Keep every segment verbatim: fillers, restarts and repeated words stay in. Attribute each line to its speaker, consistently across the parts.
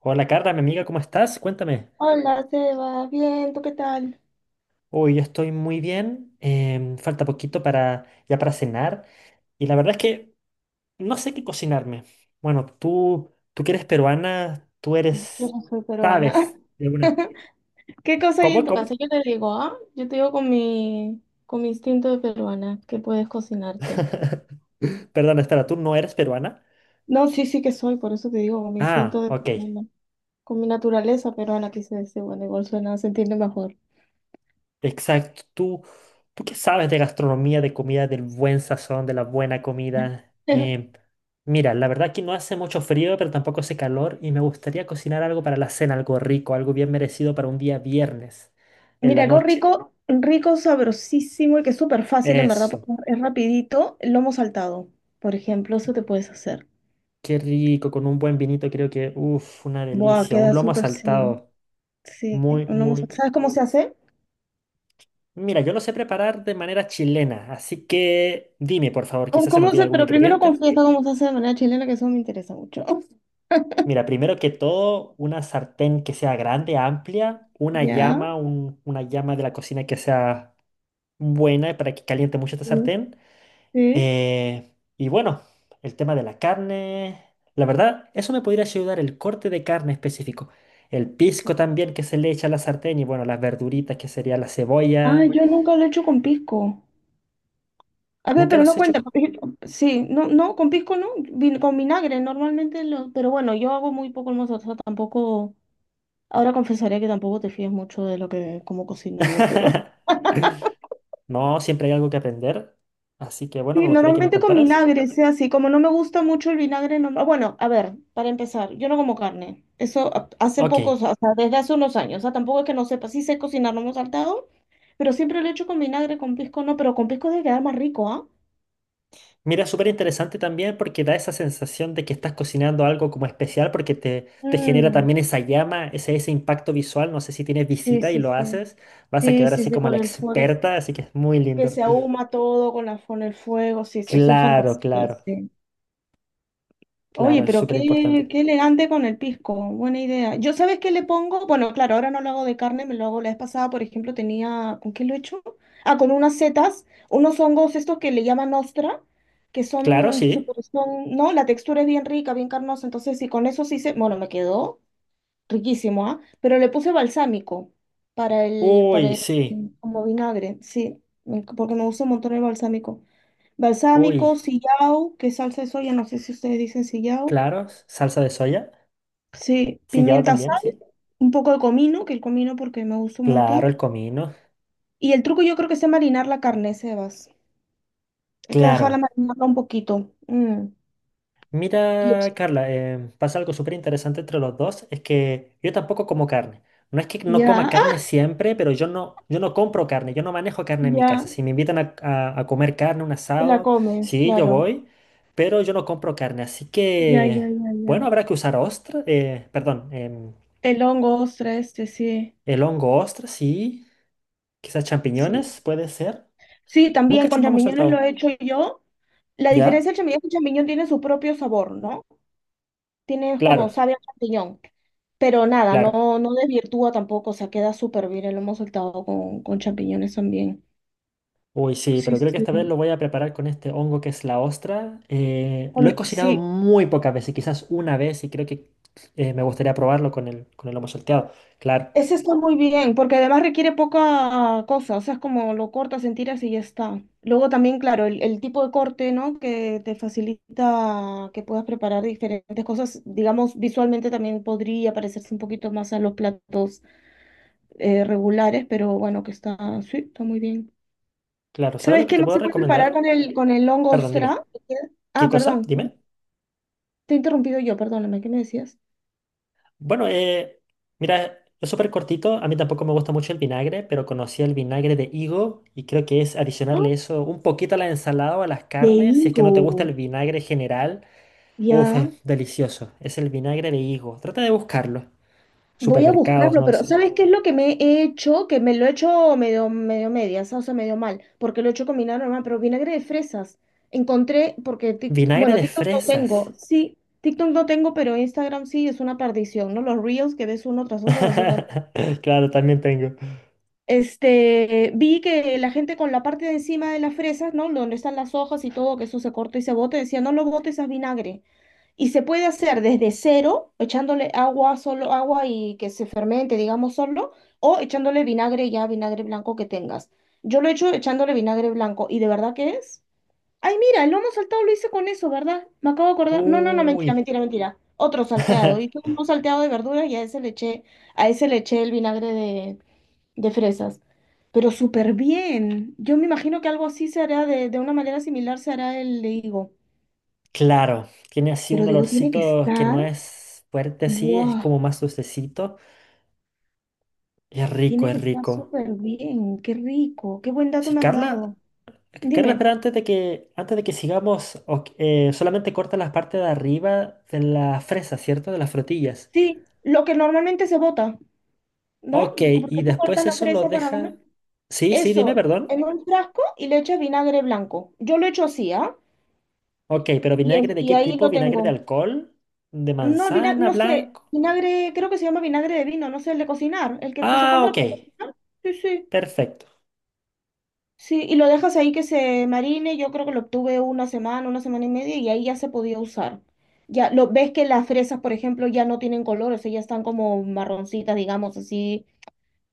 Speaker 1: Hola Carla, mi amiga, ¿cómo estás? Cuéntame.
Speaker 2: Hola, se va bien, ¿tú qué tal?
Speaker 1: Hoy yo estoy muy bien. Em, falta poquito para ya para cenar y la verdad es que no sé qué cocinarme. Bueno, tú tú que eres peruana, tú
Speaker 2: Yo
Speaker 1: eres
Speaker 2: no soy peruana.
Speaker 1: sabes de una-
Speaker 2: ¿Qué cosa hay en
Speaker 1: ¿Cómo?
Speaker 2: tu casa?
Speaker 1: ¿Cómo?
Speaker 2: Yo te digo, ¿ah? Yo te digo con mi, con mi instinto de peruana que puedes cocinarte.
Speaker 1: Perdón, espera, ¿tú no eres peruana?
Speaker 2: No, sí, sí que soy, por eso te digo, con mi
Speaker 1: Ah,
Speaker 2: instinto de
Speaker 1: ok.
Speaker 2: peruana. Con mi naturaleza peruana, quise decir, bueno, igual suena, se entiende mejor.
Speaker 1: Exacto. ¿Tú, tú qué sabes de gastronomía, de comida, del buen sazón, de la buena comida? Em, mira, la verdad que no hace mucho frío, pero tampoco hace calor y me gustaría cocinar algo para la cena, algo rico, algo bien merecido para un día viernes en la
Speaker 2: Mira, algo
Speaker 1: noche.
Speaker 2: rico, rico, sabrosísimo y que es súper fácil, en verdad, porque
Speaker 1: Eso.
Speaker 2: es rapidito, el lomo saltado, por ejemplo, eso te puedes hacer.
Speaker 1: Qué rico, con un buen vinito creo que, uff, una
Speaker 2: Buah,
Speaker 1: delicia. Un
Speaker 2: queda
Speaker 1: lomo
Speaker 2: súper, sí,
Speaker 1: saltado.
Speaker 2: sí,
Speaker 1: Muy,
Speaker 2: un lomo
Speaker 1: muy...
Speaker 2: saltado. ¿Sabes cómo se hace?
Speaker 1: Mira, yo lo sé preparar de manera chilena, así que dime, por favor,
Speaker 2: ¿Cómo,
Speaker 1: quizás se me
Speaker 2: cómo
Speaker 1: olvida
Speaker 2: se,
Speaker 1: algún
Speaker 2: pero primero
Speaker 1: ingrediente.
Speaker 2: confiesa cómo se hace de manera chilena, que eso me interesa mucho.
Speaker 1: Mira, primero que todo, una sartén que sea grande, amplia, una
Speaker 2: Ya,
Speaker 1: llama, un- una llama de la cocina que sea buena para que caliente mucho esta
Speaker 2: sí,
Speaker 1: sartén.
Speaker 2: sí.
Speaker 1: Eh, y bueno, el tema de la carne, la verdad, eso me podría ayudar el corte de carne específico. El pisco también que se le echa a la sartén y bueno, las verduritas que sería la
Speaker 2: Ah,
Speaker 1: cebolla.
Speaker 2: yo nunca lo he hecho con pisco. A ver,
Speaker 1: Nunca
Speaker 2: pero
Speaker 1: los
Speaker 2: no
Speaker 1: he hecho.
Speaker 2: cuenta,
Speaker 1: Co-
Speaker 2: porque yo- sí, no, no, con pisco no, vin- con vinagre, normalmente lo, pero bueno, yo hago muy poco el mozo, o sea, tampoco, ahora confesaría que tampoco te fías mucho de lo que, cómo cocino yo, pero
Speaker 1: No, siempre hay algo que aprender. Así que bueno,
Speaker 2: sí,
Speaker 1: me gustaría que me
Speaker 2: normalmente con
Speaker 1: contaras.
Speaker 2: vinagre, sea así. Como no me gusta mucho el vinagre, no... ah, Bueno, a ver, para empezar, yo no como carne. Eso a- hace
Speaker 1: Ok.
Speaker 2: poco, o sea, desde hace unos años. O sea, tampoco es que no sepa. Sí sé cocinar, no me he saltado, pero siempre lo he hecho con vinagre, con pisco no, pero con pisco debe quedar más rico, ¿ah?
Speaker 1: Mira, súper interesante también porque da esa sensación de que estás cocinando algo como especial porque te, te genera
Speaker 2: Mm,
Speaker 1: también esa llama, ese, ese impacto visual. No sé si tienes
Speaker 2: sí,
Speaker 1: visita y
Speaker 2: sí,
Speaker 1: lo
Speaker 2: sí.
Speaker 1: haces, vas a
Speaker 2: Sí,
Speaker 1: quedar
Speaker 2: sí,
Speaker 1: así
Speaker 2: sí,
Speaker 1: como
Speaker 2: con
Speaker 1: la
Speaker 2: el fuego, es-
Speaker 1: experta, así que es muy
Speaker 2: que
Speaker 1: lindo.
Speaker 2: se ahuma todo con la, con el fuego, sí, eso es fantasía,
Speaker 1: Claro, claro,
Speaker 2: sí. Oye,
Speaker 1: claro, es
Speaker 2: pero
Speaker 1: súper
Speaker 2: qué,
Speaker 1: importante.
Speaker 2: qué elegante con el pisco, buena idea. Yo, ¿sabes qué le pongo? Bueno, claro, ahora no lo hago de carne, me lo hago la vez pasada, por ejemplo, tenía, ¿con qué lo he hecho? Ah, con unas setas, unos hongos estos que le llaman ostra, que
Speaker 1: Claro,
Speaker 2: son
Speaker 1: sí.
Speaker 2: súper, son, ¿no? La textura es bien rica, bien carnosa, entonces y con eso sí se, bueno, me quedó riquísimo, ¿ah? Pero le puse balsámico para el,
Speaker 1: Uy,
Speaker 2: para el,
Speaker 1: sí.
Speaker 2: como vinagre, sí, me- porque me gusta un montón el balsámico.
Speaker 1: Uy,
Speaker 2: Balsámico, sillao, que salsa de soya, no sé si ustedes dicen sillao.
Speaker 1: claro, salsa de soya.
Speaker 2: Sí,
Speaker 1: Sillao
Speaker 2: pimienta,
Speaker 1: también,
Speaker 2: sal,
Speaker 1: sí.
Speaker 2: un poco de comino, que el comino porque me gusta un
Speaker 1: Claro,
Speaker 2: montón.
Speaker 1: el comino.
Speaker 2: Y el truco yo creo que es marinar la carne, Sebas. Hay que
Speaker 1: Claro.
Speaker 2: dejarla marinarla un poquito. Mm. Y
Speaker 1: Mira, Carla, eh, pasa algo súper interesante entre los dos, es que yo tampoco como carne. No es que no coma
Speaker 2: ya,
Speaker 1: carne
Speaker 2: ¡ah!
Speaker 1: siempre, pero yo no, yo no compro carne, yo no manejo carne en mi casa.
Speaker 2: Ya,
Speaker 1: Si me invitan a, a- a comer carne, un
Speaker 2: te la
Speaker 1: asado,
Speaker 2: comes,
Speaker 1: sí, yo
Speaker 2: claro.
Speaker 1: voy, pero yo no compro carne. Así
Speaker 2: Ya,
Speaker 1: que,
Speaker 2: ya, ya,
Speaker 1: bueno,
Speaker 2: ya.
Speaker 1: habrá que usar ostra, eh, perdón, em,
Speaker 2: El hongo, ostra, este, sí,
Speaker 1: el hongo ostra, sí, quizás
Speaker 2: sí.
Speaker 1: champiñones, puede ser.
Speaker 2: Sí,
Speaker 1: Nunca
Speaker 2: también
Speaker 1: he hecho
Speaker 2: con
Speaker 1: un lomo
Speaker 2: champiñones lo he
Speaker 1: saltado,
Speaker 2: hecho yo. La diferencia
Speaker 1: ¿ya?
Speaker 2: del champiñón es que el champiñón tiene su propio sabor, ¿no? Tiene como
Speaker 1: Claro,
Speaker 2: sabe a champiñón. Pero nada,
Speaker 1: claro.
Speaker 2: no, no desvirtúa tampoco, o sea, queda súper bien lo hemos saltado con, con champiñones también.
Speaker 1: Uy, sí,
Speaker 2: Sí,
Speaker 1: pero creo que
Speaker 2: sí.
Speaker 1: esta vez lo voy a preparar con este hongo que es la ostra. Eh, lo he
Speaker 2: Con-
Speaker 1: cocinado
Speaker 2: sí,
Speaker 1: muy pocas veces, quizás una vez, y creo que eh, me gustaría probarlo con el, con el lomo salteado. Claro,
Speaker 2: ese está muy bien, porque además requiere poca cosa, o sea, es como lo cortas en tiras y ya está. Luego también, claro, el, el tipo de corte, ¿no? Que te facilita que puedas preparar diferentes cosas, digamos, visualmente también podría parecerse un poquito más a los platos eh, regulares, pero bueno, que está, sí, está muy bien.
Speaker 1: claro. ¿Sabes lo
Speaker 2: ¿Sabes
Speaker 1: que
Speaker 2: qué
Speaker 1: te
Speaker 2: más
Speaker 1: puedo
Speaker 2: se puede preparar
Speaker 1: recomendar?
Speaker 2: con el, con el hongo
Speaker 1: Perdón, dime.
Speaker 2: ostra?
Speaker 1: ¿Qué
Speaker 2: Ah,
Speaker 1: cosa?
Speaker 2: perdón,
Speaker 1: Dime.
Speaker 2: te he interrumpido yo, perdóname, ¿qué me decías?
Speaker 1: Bueno, eh, mira, es súper cortito. A mí tampoco me gusta mucho el vinagre, pero conocí el vinagre de higo y creo que es
Speaker 2: Ah,
Speaker 1: adicionarle eso un poquito a la ensalada o a las
Speaker 2: de
Speaker 1: carnes. Si es que no te gusta el
Speaker 2: higo,
Speaker 1: vinagre general, uf, es
Speaker 2: ya.
Speaker 1: delicioso. Es el vinagre de higo. Trata de buscarlo.
Speaker 2: Voy a
Speaker 1: Supermercados,
Speaker 2: buscarlo,
Speaker 1: no lo
Speaker 2: pero
Speaker 1: sé.
Speaker 2: ¿sabes qué es lo que me he hecho? Que me lo he hecho medio, medio medias, o sea, medio mal, porque lo he hecho con vinagre normal, pero vinagre de fresas. Encontré, porque, Tik-
Speaker 1: Vinagre
Speaker 2: bueno,
Speaker 1: de
Speaker 2: TikTok no
Speaker 1: fresas.
Speaker 2: tengo, sí, TikTok no tengo, pero Instagram sí es una perdición, ¿no? Los reels que ves uno tras otro, tras otro.
Speaker 1: Claro, también tengo.
Speaker 2: Este, vi que la gente con la parte de encima de las fresas, ¿no? Donde están las hojas y todo, que eso se corta y se bota, decía, no lo botes a vinagre. Y se puede hacer desde cero, echándole agua, solo agua y que se fermente, digamos, solo, o echándole vinagre ya, vinagre blanco que tengas. Yo lo he hecho echándole vinagre blanco, y de verdad que es. Ay, mira, el lomo saltado lo hice con eso, ¿verdad? Me acabo de acordar. No, no, no, mentira,
Speaker 1: Uy.
Speaker 2: mentira, mentira. Otro salteado. Hice un salteado de verduras y a ese le eché, a ese le eché el vinagre de, de fresas. Pero súper bien. Yo me imagino que algo así se hará de, de una manera similar, se hará el de higo.
Speaker 1: Claro, tiene así
Speaker 2: Pero
Speaker 1: un
Speaker 2: digo, tiene que
Speaker 1: olorcito que no
Speaker 2: estar,
Speaker 1: es fuerte, sí, es
Speaker 2: ¡buah!
Speaker 1: como más dulcecito. Es rico,
Speaker 2: Tiene
Speaker 1: es
Speaker 2: que estar
Speaker 1: rico.
Speaker 2: súper bien. Qué rico, qué buen dato
Speaker 1: Sí,
Speaker 2: me has
Speaker 1: Carla,
Speaker 2: dado.
Speaker 1: Carla,
Speaker 2: Dime,
Speaker 1: espera, antes de que, antes de que sigamos, ok, eh, solamente corta la parte de arriba de la fresa, ¿cierto? De las frutillas.
Speaker 2: sí, lo que normalmente se bota, ¿no?
Speaker 1: Ok, y
Speaker 2: Porque tú cortas
Speaker 1: después
Speaker 2: la
Speaker 1: eso lo
Speaker 2: fresa para comer.
Speaker 1: deja. Sí, sí, dime,
Speaker 2: Eso,
Speaker 1: perdón.
Speaker 2: en un frasco y le echas vinagre blanco. Yo lo echo así, ¿ah?
Speaker 1: Ok, ¿pero
Speaker 2: Y, es-
Speaker 1: vinagre de
Speaker 2: y
Speaker 1: qué
Speaker 2: ahí
Speaker 1: tipo?
Speaker 2: lo
Speaker 1: ¿Vinagre de
Speaker 2: tengo.
Speaker 1: alcohol? ¿De
Speaker 2: No, vina-
Speaker 1: manzana
Speaker 2: no sé,
Speaker 1: blanco?
Speaker 2: vinagre, creo que se llama vinagre de vino, no sé, el de cocinar, el que se
Speaker 1: Ah,
Speaker 2: compra
Speaker 1: ok.
Speaker 2: para cocinar. Sí, sí.
Speaker 1: Perfecto.
Speaker 2: Sí, y lo dejas ahí que se marine, yo creo que lo obtuve una semana, una semana y media, y ahí ya se podía usar. Ya, lo ves que las fresas, por ejemplo, ya no tienen color, o sea, ya están como marroncitas, digamos, así,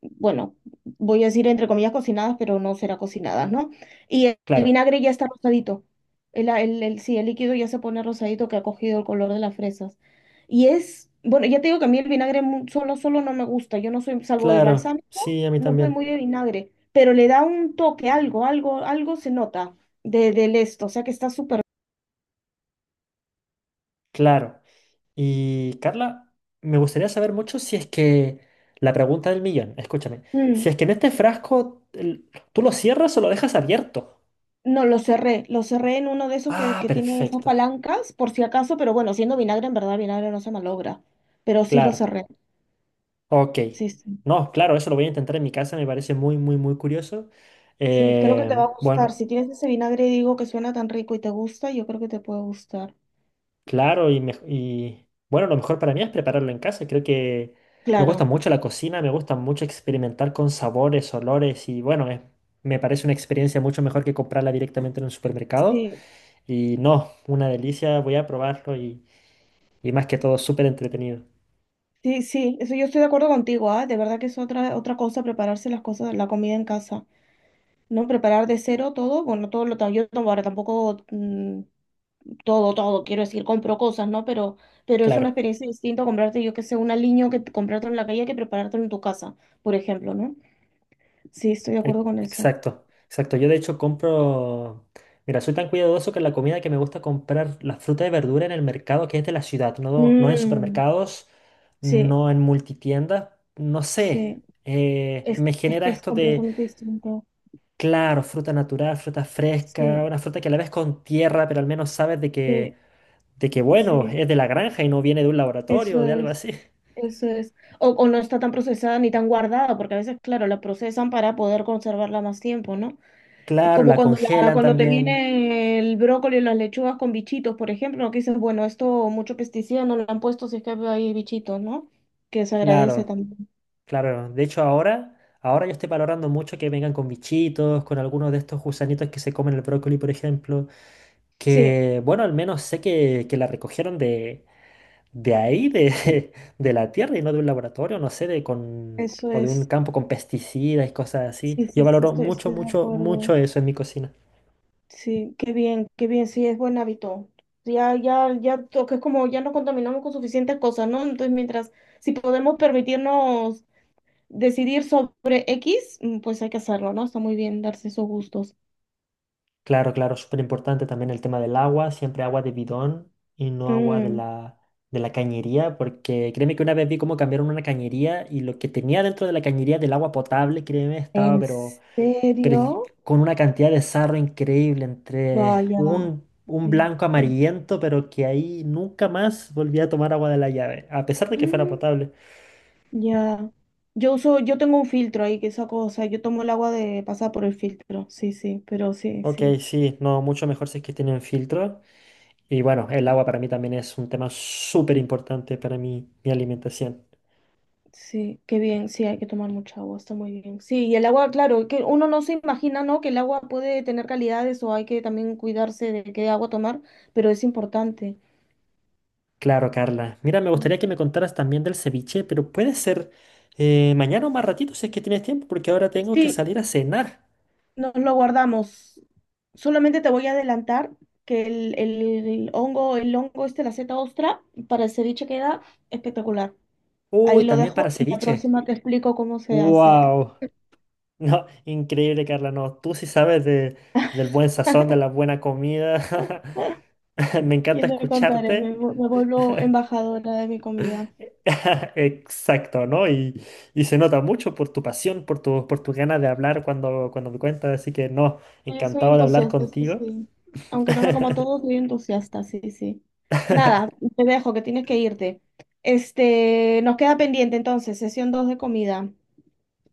Speaker 2: bueno, voy a decir entre comillas cocinadas, pero no será cocinadas, ¿no? Y el, el
Speaker 1: Claro.
Speaker 2: vinagre ya está rosadito. El, el, el- sí, el líquido ya se pone rosadito que ha cogido el color de las fresas. Y es, bueno, ya te digo que a mí el vinagre mu- solo, solo no me gusta. Yo no soy, salvo el
Speaker 1: Claro.
Speaker 2: balsámico,
Speaker 1: Sí, a mí
Speaker 2: no soy
Speaker 1: también.
Speaker 2: muy de vinagre, pero le da un toque, algo, algo, algo se nota de, del esto, o sea que está súper.
Speaker 1: Claro. Y Carla, me gustaría saber mucho si es que la pregunta del millón, escúchame, si
Speaker 2: Mm.
Speaker 1: es que en este frasco el- tú lo cierras o lo dejas abierto.
Speaker 2: No, lo cerré, lo cerré en uno de esos que,
Speaker 1: Ah,
Speaker 2: que tiene esas
Speaker 1: perfecto.
Speaker 2: palancas, por si acaso, pero bueno, siendo vinagre, en verdad, vinagre no se malogra, pero sí lo
Speaker 1: Claro.
Speaker 2: cerré,
Speaker 1: Ok.
Speaker 2: sí, sí,
Speaker 1: No, claro, eso lo voy a intentar en mi casa, me parece muy, muy, muy curioso.
Speaker 2: sí, creo que te va
Speaker 1: Eh,
Speaker 2: a gustar,
Speaker 1: bueno.
Speaker 2: si tienes ese vinagre, digo, que suena tan rico y te gusta, yo creo que te puede gustar,
Speaker 1: Claro, y, mej- y, bueno, lo mejor para mí es prepararlo en casa. Creo que me gusta
Speaker 2: claro,
Speaker 1: mucho la cocina, me gusta mucho experimentar con sabores, olores y bueno, es- me parece una experiencia mucho mejor que comprarla directamente en un supermercado.
Speaker 2: sí,
Speaker 1: Y no, una delicia, voy a probarlo y, y más que todo súper entretenido.
Speaker 2: sí, sí, eso yo estoy de acuerdo contigo, ah, de verdad que es otra, otra cosa prepararse las cosas, la comida en casa, ¿no? Preparar de cero todo, bueno, todo lo, ta- yo tam- ahora tampoco mm, todo, todo, quiero decir, compro cosas, ¿no? Pero, pero es una
Speaker 1: Claro.
Speaker 2: experiencia distinta comprarte, yo que sé, un aliño que comprarte en la calle que prepararte en tu casa, por ejemplo, ¿no? Sí, estoy de
Speaker 1: E-
Speaker 2: acuerdo con eso.
Speaker 1: Exacto, exacto. Yo de hecho compro, mira, soy tan cuidadoso que la comida que me gusta comprar, la fruta y verdura en el mercado que es de la ciudad, no, no en
Speaker 2: Mm,
Speaker 1: supermercados,
Speaker 2: sí,
Speaker 1: no en multitiendas, no sé.
Speaker 2: sí,
Speaker 1: Eh,
Speaker 2: es,
Speaker 1: me
Speaker 2: es
Speaker 1: genera
Speaker 2: que es
Speaker 1: esto de,
Speaker 2: completamente distinto.
Speaker 1: claro, fruta natural, fruta fresca,
Speaker 2: Sí,
Speaker 1: una fruta que a la vez con tierra, pero al menos sabes de que,
Speaker 2: sí,
Speaker 1: de que, bueno,
Speaker 2: sí,
Speaker 1: es de la granja y no viene de un laboratorio
Speaker 2: eso
Speaker 1: o de algo
Speaker 2: es,
Speaker 1: así.
Speaker 2: eso es. O, o no está tan procesada ni tan guardada, porque a veces, claro, la procesan para poder conservarla más tiempo, ¿no?
Speaker 1: Claro,
Speaker 2: Como
Speaker 1: la
Speaker 2: cuando, la-
Speaker 1: congelan
Speaker 2: cuando te
Speaker 1: también.
Speaker 2: viene el brócoli y las lechugas con bichitos, por ejemplo, ¿no? Que dices, bueno, esto mucho pesticida no lo han puesto si es que hay bichitos, ¿no? Que se agradece
Speaker 1: Claro,
Speaker 2: también.
Speaker 1: claro, de hecho ahora, ahora yo estoy valorando mucho que vengan con bichitos, con algunos de estos gusanitos que se comen el brócoli, por ejemplo,
Speaker 2: Sí,
Speaker 1: que bueno, al menos sé que, que la recogieron de, de ahí, de, de la tierra y no de un laboratorio, no sé, de con,
Speaker 2: eso
Speaker 1: o de un
Speaker 2: es.
Speaker 1: campo con pesticidas y cosas así.
Speaker 2: Sí, sí,
Speaker 1: Yo
Speaker 2: sí,
Speaker 1: valoro
Speaker 2: estoy,
Speaker 1: mucho,
Speaker 2: estoy de
Speaker 1: mucho,
Speaker 2: acuerdo.
Speaker 1: mucho eso en mi cocina.
Speaker 2: Sí, qué bien, qué bien, sí, es buen hábito. Ya, ya, ya, to- que es como ya no contaminamos con suficientes cosas, ¿no? Entonces, mientras, si podemos permitirnos decidir sobre X, mm, pues hay que hacerlo, ¿no? Está muy bien darse esos gustos.
Speaker 1: Claro, claro, súper importante también el tema del agua, siempre agua de bidón y no agua de
Speaker 2: Mm.
Speaker 1: la, de la cañería, porque créeme que una vez vi cómo cambiaron una cañería y lo que tenía dentro de la cañería del agua potable, créeme, estaba
Speaker 2: ¿En
Speaker 1: pero, pero y-
Speaker 2: serio?
Speaker 1: con una cantidad de sarro increíble, entre
Speaker 2: Vaya.
Speaker 1: un, un
Speaker 2: Sí,
Speaker 1: blanco
Speaker 2: sí.
Speaker 1: amarillento, pero que ahí nunca más volví a tomar agua de la llave, a pesar de que fuera
Speaker 2: Mm,
Speaker 1: potable.
Speaker 2: ya. Yo uso, yo tengo un filtro ahí que saco, o sea, yo tomo el agua de pasar por el filtro. Sí, sí, pero sí,
Speaker 1: Ok,
Speaker 2: sí.
Speaker 1: sí, no, mucho mejor si es que tienen filtro. Y bueno, el agua para mí también es un tema súper importante para mi mi alimentación.
Speaker 2: Sí, qué bien, sí, hay que tomar mucha agua, está muy bien. Sí, y el agua, claro, que uno no se imagina, ¿no? Que el agua puede tener calidades o hay que también cuidarse de qué agua tomar, pero es importante.
Speaker 1: Claro, Carla. Mira, me gustaría que me contaras también del ceviche, pero puede ser eh, mañana o más ratito si es que tienes tiempo, porque ahora tengo que
Speaker 2: Sí,
Speaker 1: salir a cenar.
Speaker 2: nos lo guardamos. Solamente te voy a adelantar que el, el hongo, el hongo este, la seta ostra, para el ceviche queda espectacular. Ahí
Speaker 1: Uy,
Speaker 2: lo
Speaker 1: también
Speaker 2: dejo
Speaker 1: para
Speaker 2: y la
Speaker 1: ceviche.
Speaker 2: próxima te explico cómo se hace.
Speaker 1: ¡Wow! No, increíble, Carla. No, tú sí sabes de- del buen sazón, de la buena comida. Me
Speaker 2: Y
Speaker 1: encanta
Speaker 2: te contaré, me,
Speaker 1: escucharte.
Speaker 2: vu- me vuelvo embajadora de mi comida.
Speaker 1: Exacto, ¿no? Y, y se nota mucho por tu pasión, por tu, por tu ganas de hablar cuando, cuando me cuentas. Así que no,
Speaker 2: Sí, soy
Speaker 1: encantado de hablar
Speaker 2: entusiasta, eso
Speaker 1: contigo.
Speaker 2: sí. Aunque no me como todo, soy entusiasta, sí, sí. Nada, te dejo que tienes que irte. Este, nos queda pendiente entonces, sesión dos de comida.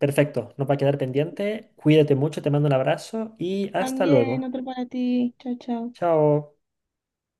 Speaker 1: Perfecto, no va a quedar pendiente. Cuídate mucho, te mando un abrazo y hasta
Speaker 2: También,
Speaker 1: luego.
Speaker 2: otro para ti. Chao, chao.
Speaker 1: Chao.